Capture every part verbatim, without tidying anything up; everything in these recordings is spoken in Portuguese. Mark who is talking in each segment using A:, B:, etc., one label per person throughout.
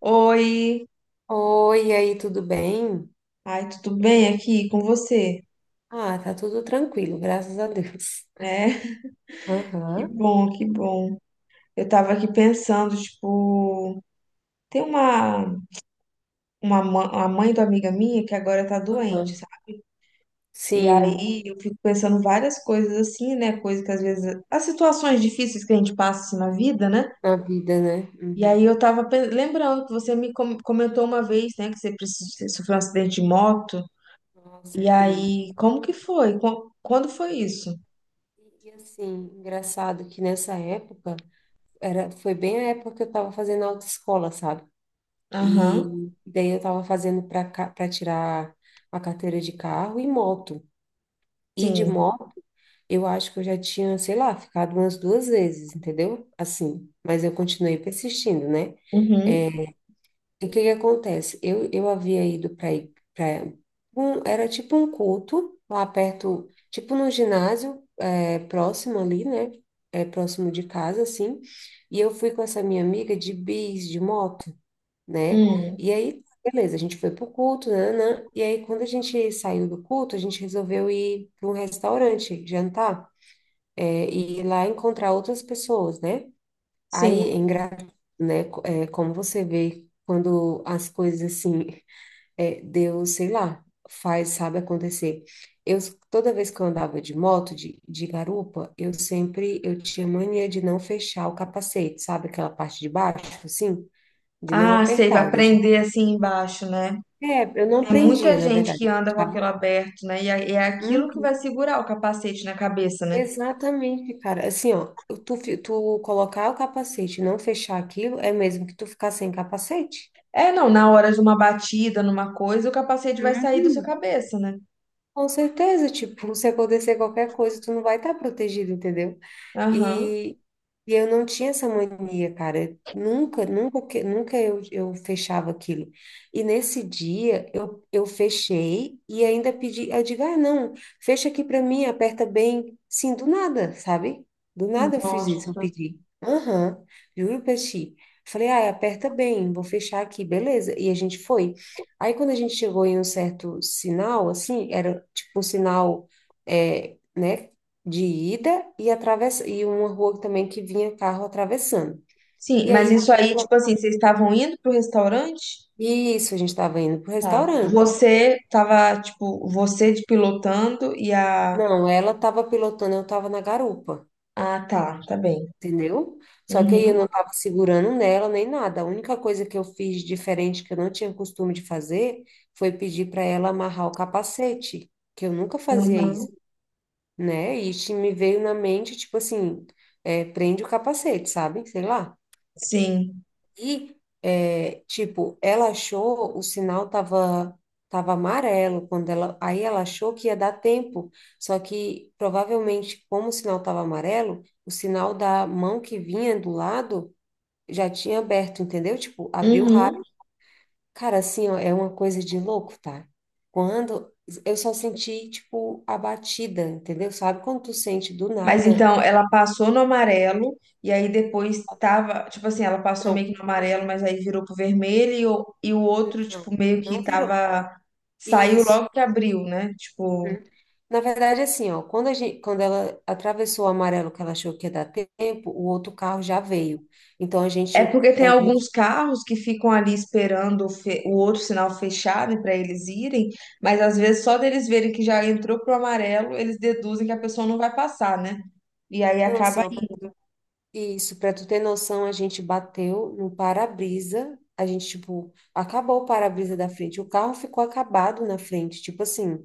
A: Oi,
B: Oi, e aí, tudo bem?
A: ai, tudo bem aqui com você?
B: Ah, tá tudo tranquilo, graças a Deus.
A: É, que
B: Aham,
A: bom, que bom. Eu tava aqui pensando, tipo, tem uma, uma, ma- uma mãe de uma amiga minha que agora tá doente,
B: aham.
A: sabe? E
B: Sim,
A: aí eu fico pensando várias coisas assim, né? Coisas que às vezes, as situações difíceis que a gente passa assim, na vida, né?
B: na vida, né?
A: E aí
B: Uhum.
A: eu tava pen- lembrando que você me com- comentou uma vez, né, que você precis- você sofreu um acidente de moto.
B: Ah,
A: E
B: sofri.
A: aí, como que foi? Qu- Quando foi isso?
B: E, assim, engraçado que nessa época, era, foi bem a época que eu tava fazendo autoescola, sabe?
A: Aham,
B: E daí eu tava fazendo para para tirar a carteira de carro e moto. E de
A: sim.
B: moto, eu acho que eu já tinha, sei lá, ficado umas duas vezes, entendeu? Assim, mas eu continuei persistindo, né?
A: Uhum.
B: E o que que acontece? Eu, eu havia ido para para um, era tipo um culto lá perto, tipo num ginásio é, próximo ali, né? É, próximo de casa, assim. E eu fui com essa minha amiga de bis, de moto, né?
A: Hum.
B: E aí, beleza, a gente foi pro culto, né, né? E aí, quando a gente saiu do culto, a gente resolveu ir para um restaurante jantar, é, e ir lá encontrar outras pessoas, né?
A: Sim.
B: Aí, é engra... né? co- é, como você vê quando as coisas assim, é, Deus, sei lá, faz, sabe acontecer. Eu, Toda vez que eu andava de moto, de, de garupa, eu sempre, eu tinha mania de não fechar o capacete, sabe? Aquela parte de baixo, assim, de não
A: Ah, sei,
B: apertar,
A: vai
B: eu deixava.
A: prender assim embaixo, né?
B: É, eu não
A: Tem
B: prendia,
A: muita
B: na
A: gente que
B: verdade, eu
A: anda com aquilo
B: deixava.
A: aberto, né? E é é aquilo que vai
B: Uhum.
A: segurar o capacete na cabeça, né?
B: Exatamente, cara. Assim, ó, tu, fi- tu colocar o capacete e não fechar aquilo, é mesmo que tu ficar sem capacete.
A: É, não, na hora de uma batida, numa coisa, o capacete vai sair da sua
B: Uhum.
A: cabeça, né?
B: Com certeza, tipo, se acontecer qualquer coisa, tu não vai estar protegido, entendeu?
A: Aham.
B: E, e eu não tinha essa mania, cara. Nunca, nunca, que- nunca eu, eu fechava aquilo. E nesse dia eu, eu fechei e ainda pedi, eu digo, ah, não, fecha aqui para mim, aperta bem. Sim, do nada, sabe? Do nada eu fiz isso, eu
A: Nossa.
B: pedi. Aham, juro pra ti. Falei, ah, aperta bem, vou fechar aqui, beleza. E a gente foi. Aí quando a gente chegou em um certo sinal, assim, era tipo um sinal, é, né? De ida e atravessa e uma rua também que vinha carro atravessando.
A: Sim,
B: E
A: mas
B: aí quando
A: isso aí,
B: ela-
A: tipo assim, vocês estavam indo pro restaurante?
B: isso, a gente estava indo pro
A: Tá.
B: restaurante.
A: Você tava, tipo, você de pilotando e a.
B: Não, ela estava pilotando, eu estava na garupa,
A: Ah, tá, tá bem.
B: entendeu? Só que aí eu
A: Uhum,
B: não estava segurando nela nem nada. A única coisa que eu fiz diferente que eu não tinha costume de fazer foi pedir para ela amarrar o capacete, que eu nunca fazia
A: uhum.
B: isso, né? E isso me veio na mente, tipo assim, é, prende o capacete, sabe? Sei lá.
A: Sim.
B: E, é, tipo, ela achou, o sinal tava, tava amarelo quando ela, aí ela achou que ia dar tempo, só que provavelmente, como o sinal tava amarelo, o sinal da mão que vinha do lado já tinha aberto, entendeu? Tipo, abriu
A: Uhum.
B: rápido. Cara, assim, ó, é uma coisa de louco, tá? Quando eu só senti, tipo, a batida, entendeu? Sabe quando tu sente do
A: Mas
B: nada?
A: então, ela passou no amarelo e aí depois tava, tipo assim, ela passou meio
B: Não,
A: que no amarelo, mas aí virou pro vermelho e o, e o outro,
B: não,
A: tipo, meio que
B: não virou.
A: tava, saiu
B: Isso.
A: logo que abriu, né?
B: Hum.
A: Tipo,
B: Na verdade, assim, ó, quando a gente, quando ela atravessou o amarelo que ela achou que ia dar tempo, o outro carro já veio. Então a
A: é
B: gente,
A: porque tem
B: a gente-
A: alguns carros que ficam ali esperando o, fe- o outro sinal fechado para eles irem, mas às vezes só deles verem que já entrou pro amarelo, eles deduzem que a pessoa não vai passar, né? E aí
B: não, assim,
A: acaba,
B: ó, pra-
A: indo.
B: isso, para tu ter noção, a gente bateu no para-brisa, a gente, tipo, acabou o para-brisa da frente, o carro ficou acabado na frente, tipo assim,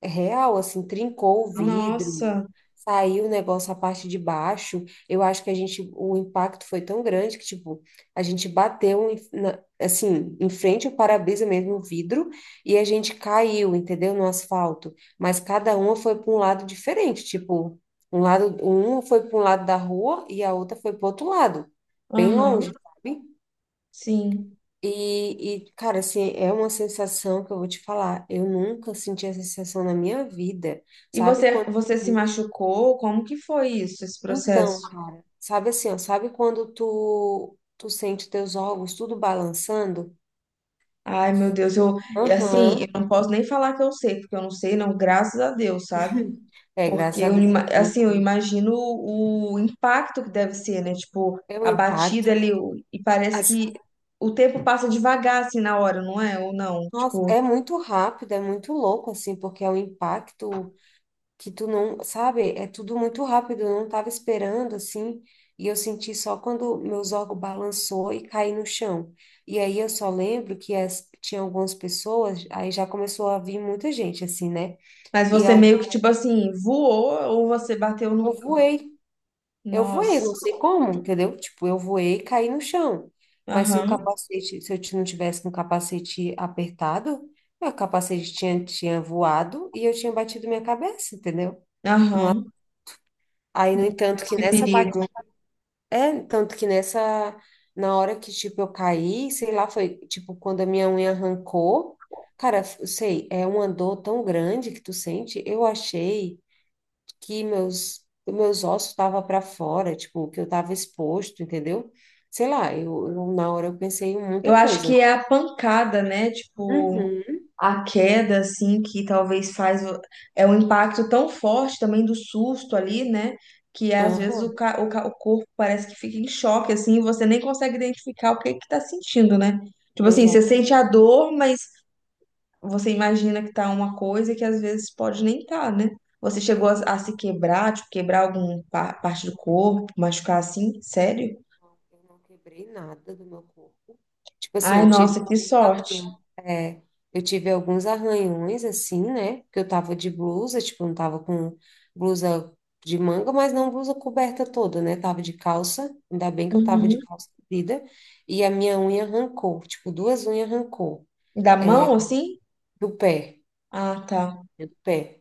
B: é real, assim, trincou o vidro,
A: Nossa,
B: saiu o negócio a parte de baixo. Eu acho que a gente, o impacto foi tão grande que, tipo, a gente bateu, em- na- assim, em frente ao para-brisa mesmo, o vidro, e a gente caiu, entendeu? No asfalto. Mas cada uma foi para um lado diferente, tipo, um lado, uma foi para um lado da rua e a outra foi para outro lado, bem
A: aham,
B: longe, sabe?
A: sim.
B: E, e, cara, assim, é uma sensação que eu vou te falar. Eu nunca senti essa sensação na minha vida.
A: E
B: Sabe
A: você,
B: quando.
A: você se machucou? Como que foi isso, esse processo?
B: Então, cara, sabe assim, ó, sabe quando tu, tu sente teus órgãos tudo balançando?
A: Ai, meu Deus, eu, e assim,
B: Aham.
A: eu não posso nem falar que eu sei, porque eu não sei, não, graças a Deus, sabe?
B: É,
A: Porque
B: graças a
A: eu,
B: Deus,
A: ima-
B: não,
A: assim, eu
B: cara.
A: imagino o impacto que deve ser, né? Tipo,
B: É um
A: a
B: impacto.
A: batida ali, o- e parece
B: Assim,
A: que o tempo passa devagar, assim, na hora, não é? Ou não?
B: nossa,
A: Tipo,
B: é muito rápido, é muito louco, assim, porque é um impacto. Que tu não, sabe, é tudo muito rápido, eu não tava esperando assim, e eu senti só quando meus órgãos balançou e caí no chão. E aí eu só lembro que as, tinha algumas pessoas, aí já começou a vir muita gente assim, né?
A: mas
B: E
A: você
B: eu,
A: meio que, tipo assim, voou ou você bateu no.
B: eu voei, eu voei, não
A: Nossa.
B: sei como, entendeu? Tipo, eu voei e caí no chão. Mas se o
A: Aham,
B: capacete, se eu ti- não tivesse com o capacete apertado, meu capacete tinha, tinha voado e eu tinha batido minha cabeça, entendeu?
A: aham.
B: Aí, no
A: Meu
B: entanto,
A: Deus,
B: que
A: que
B: nessa
A: perigo.
B: batida é, tanto que nessa, na hora que, tipo, eu caí, sei lá, foi, tipo, quando a minha unha arrancou, cara, eu sei, é uma dor tão grande que tu sente, eu achei que meus, meus ossos estavam para fora, tipo, que eu tava exposto, entendeu? Sei lá, eu, eu- na hora eu pensei em muita
A: Eu acho
B: coisa.
A: que é a pancada, né? Tipo,
B: Uhum,
A: a queda, assim, que talvez faz. O- É um impacto tão forte também do susto ali, né? Que é, às vezes o,
B: aham,
A: ca... o, ca- o corpo parece que fica em choque, assim, e você nem consegue identificar o que que tá sentindo, né? Tipo assim, você
B: exato.
A: sente a dor, mas você imagina que tá uma coisa que às vezes pode nem tá, né? Você chegou a,
B: Aham.
A: a se quebrar, tipo, quebrar alguma parte do corpo, machucar assim? Sério?
B: Não, eu não quebrei nada do meu corpo. Tipo assim,
A: Ai,
B: eu tive
A: nossa, que
B: alguns
A: sorte.
B: arranhões. É, eu tive alguns arranhões, assim, né? Porque eu tava de blusa, tipo, não tava com blusa de manga, mas não blusa coberta toda, né? Tava de calça, ainda bem que eu tava de
A: Uhum.
B: calça comprida. E a minha unha arrancou, tipo, duas unhas arrancou
A: Da mão, assim?
B: do pé.
A: Ah, tá.
B: É do pé.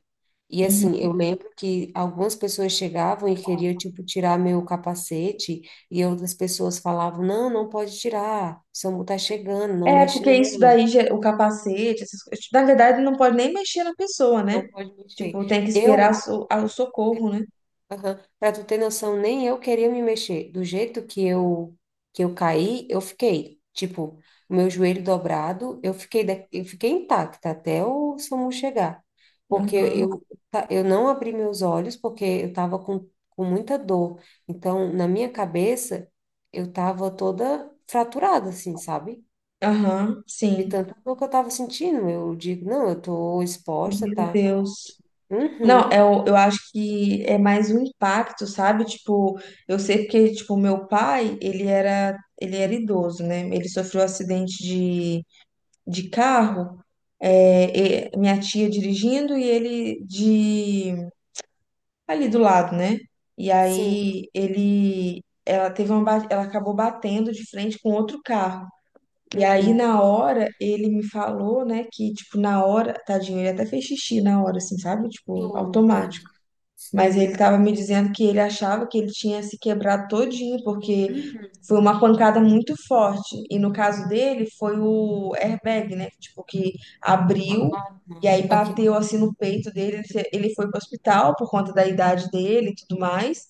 B: E assim,
A: Uhum.
B: eu lembro que algumas pessoas chegavam e queriam, tipo, tirar meu capacete, e outras pessoas falavam, não, não pode tirar, o SAMU tá chegando, não
A: É,
B: mexe
A: porque isso
B: nela,
A: daí, ge- o capacete, essas coisas. Na verdade, não pode nem mexer na pessoa, né?
B: não pode
A: Tipo,
B: mexer.
A: tem que esperar
B: Eu
A: so- ah, o socorro, né?
B: Aham. Pra tu ter noção, nem eu queria me mexer. Do jeito que eu que eu caí, eu fiquei, tipo, o meu joelho dobrado, eu fiquei da- eu fiquei intacta até o SAMU chegar. Porque
A: Aham,
B: eu tá, eu não abri meus olhos porque eu tava com com muita dor. Então, na minha cabeça, eu tava toda fraturada assim, sabe?
A: aham,
B: De
A: sim.
B: tanta dor que eu tava sentindo, eu digo, não, eu tô exposta,
A: Meu
B: tá?
A: Deus. Não, é,
B: Uhum.
A: o- eu acho que é mais um impacto, sabe? Tipo, eu sei porque, tipo, meu pai, ele era, ele era idoso, né? Ele sofreu um acidente de, de carro, é, e- minha tia dirigindo e ele de ali do lado, né? E
B: Sim.
A: aí ele, ela teve uma, ba- ela acabou batendo de frente com outro carro. E aí
B: Uhum.
A: na hora ele me falou, né, que tipo na hora, tadinho, ele até fez xixi na hora, assim, sabe? Tipo
B: Oh, meu Deus.
A: automático. Mas ele
B: Sim.
A: estava me dizendo que ele achava que ele tinha se quebrado todinho, porque
B: Uhum.
A: foi uma pancada muito forte. E no caso dele, foi o airbag, né? Tipo, que
B: Ah,
A: abriu e aí
B: tá. Ok.
A: bateu assim no peito dele. Ele fe- ele foi para o hospital por conta da idade dele e tudo mais.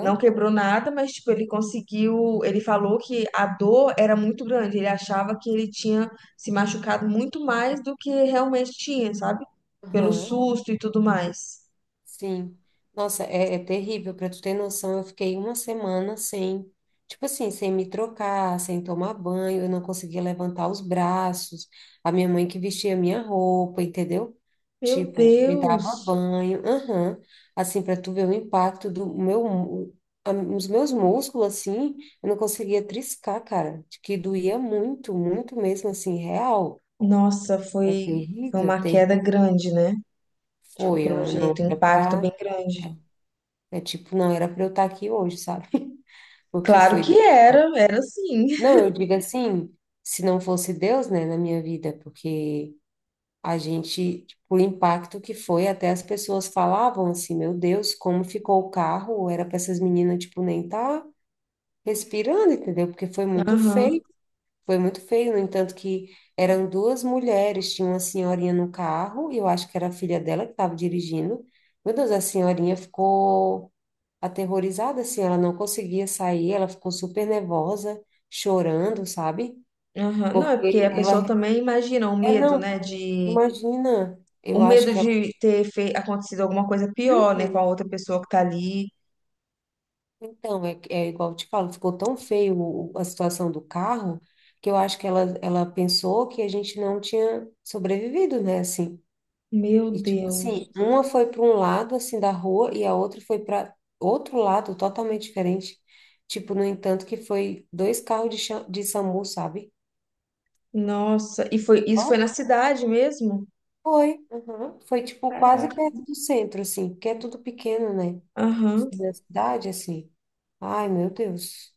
A: Não quebrou nada, mas tipo, ele conseguiu. Ele falou que a dor era muito grande. Ele achava que ele tinha se machucado muito mais do que realmente tinha, sabe? Pelo
B: Aham.
A: susto e tudo mais.
B: Sim. Nossa, é, é terrível. Para tu ter noção, eu fiquei uma semana sem, tipo assim, sem me trocar, sem tomar banho, eu não conseguia levantar os braços. A minha mãe que vestia a minha roupa, entendeu?
A: Meu
B: Tipo, me
A: Deus!
B: dava banho. Aham. Assim, para tu ver o impacto do meu, mu- a- os meus músculos, assim, eu não conseguia triscar, cara. De Que doía muito, muito mesmo, assim, real.
A: Nossa,
B: É
A: foi, foi
B: terrível,
A: uma queda
B: terrível.
A: grande, né? Tipo,
B: Foi, ó,
A: pelo
B: não
A: jeito, um
B: era
A: impacto
B: pra.
A: bem grande.
B: É tipo, não era para eu estar aqui hoje, sabe? Porque
A: Claro
B: foi.
A: que era, era sim.
B: Não, eu digo assim, se não fosse Deus, né, na minha vida, porque a gente, tipo, o impacto que foi, até as pessoas falavam assim, meu Deus, como ficou o carro? Era para essas meninas, tipo, nem tá respirando, entendeu? Porque foi muito
A: Aham,
B: feio, foi muito feio. No entanto, que eram duas mulheres, tinha uma senhorinha no carro, e eu acho que era a filha dela que estava dirigindo. Meu Deus, a senhorinha ficou aterrorizada, assim, ela não conseguia sair, ela ficou super nervosa, chorando, sabe?
A: aham. Não, é porque
B: Porque
A: a pessoa
B: ela,
A: também imagina o
B: é
A: medo,
B: não,
A: né?
B: pô,
A: De,
B: imagina,
A: o
B: eu acho
A: medo
B: que ela,
A: de ter fe... acontecido alguma coisa pior, né? Com a
B: Uhum.
A: outra pessoa que tá ali.
B: Então, é, é igual eu te falo, ficou tão feio o- a situação do carro, que eu acho que ela, ela pensou que a gente não tinha sobrevivido, né, assim,
A: Meu
B: e tipo assim,
A: Deus.
B: uma foi para um lado, assim, da rua, e a outra foi para outro lado, totalmente diferente, tipo, no entanto, que foi dois carros de, cha- de SAMU, sabe?
A: Nossa, e foi,
B: Ó,
A: isso foi na cidade mesmo?
B: foi. Uhum. Foi, tipo, quase
A: Caraca.
B: perto do centro, assim, porque é tudo pequeno, né?
A: Aham.
B: Da cidade, assim. Ai, meu Deus.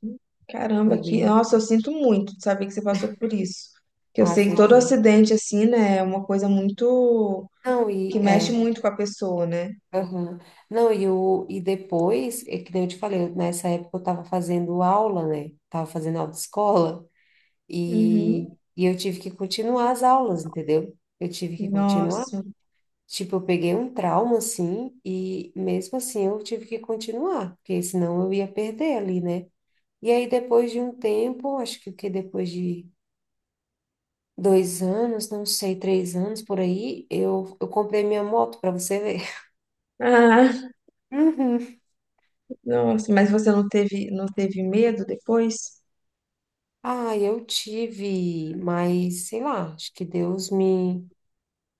B: Foi
A: Caramba, que,
B: bem.
A: nossa, eu sinto muito de saber que você passou por isso. Que eu
B: Ah,
A: sei que
B: foi
A: todo
B: bem.
A: acidente, assim, né, é uma coisa muito,
B: Não,
A: que
B: e
A: mexe
B: é.
A: muito com a pessoa, né?
B: Aham. Não, e, o, e depois, é que nem eu te falei, eu- nessa época eu tava fazendo aula, né? Tava fazendo aula de escola
A: Uhum.
B: e, e eu tive que continuar as aulas, entendeu? Eu tive que continuar.
A: Nossa.
B: Tipo, eu peguei um trauma, assim, e mesmo assim eu tive que continuar, porque senão eu ia perder ali, né? E aí, depois de um tempo, acho que, o que depois de dois anos, não sei, três anos por aí, eu, eu comprei minha moto para você ver.
A: Ah,
B: Uhum.
A: nossa, mas você não teve, não teve medo depois?
B: Ah, eu tive, mas sei lá, acho que Deus me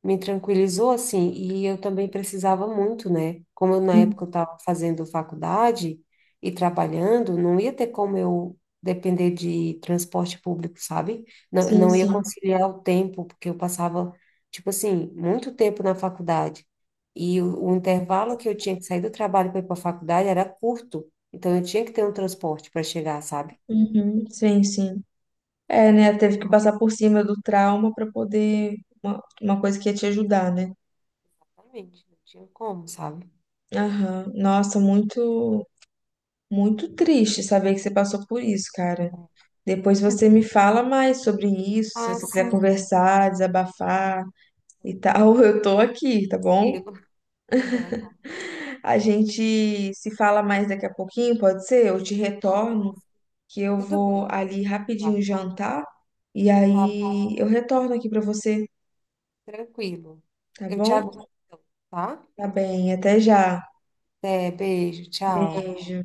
B: me tranquilizou assim, e eu também precisava muito, né? Como eu, na
A: Hum,
B: época eu estava fazendo faculdade e trabalhando, não ia ter como eu depender de transporte público, sabe? Não,
A: Sim,
B: não ia
A: sim.
B: conciliar o tempo, porque eu passava, tipo assim, muito tempo na faculdade. E o, o intervalo que eu tinha que sair do trabalho para ir para a faculdade era curto. Então eu tinha que ter um transporte para chegar, sabe?
A: Uhum, sim, sim. É, né, teve que passar por cima do trauma para poder, uma, uma coisa que ia te ajudar, né?
B: Exatamente, não tinha como, sabe?
A: Aham. Nossa, muito, muito triste saber que você passou por isso, cara. Depois
B: É.
A: você me fala mais sobre isso, se
B: Ah,
A: você quiser
B: sim,
A: conversar, desabafar e tal, eu tô aqui, tá bom?
B: tranquilo. Aham, tá bem.
A: A gente se fala mais daqui a pouquinho, pode ser? Eu te
B: Ah,
A: retorno,
B: pode ser.
A: que eu
B: Tudo
A: vou
B: bem, eu digo.
A: ali rapidinho
B: Tá,
A: jantar e
B: tá bom,
A: aí eu retorno aqui pra você,
B: tranquilo.
A: tá
B: Eu te aguardo,
A: bom?
B: então, tá?
A: Tá bem, até já.
B: Até, beijo, tchau.
A: Beijo.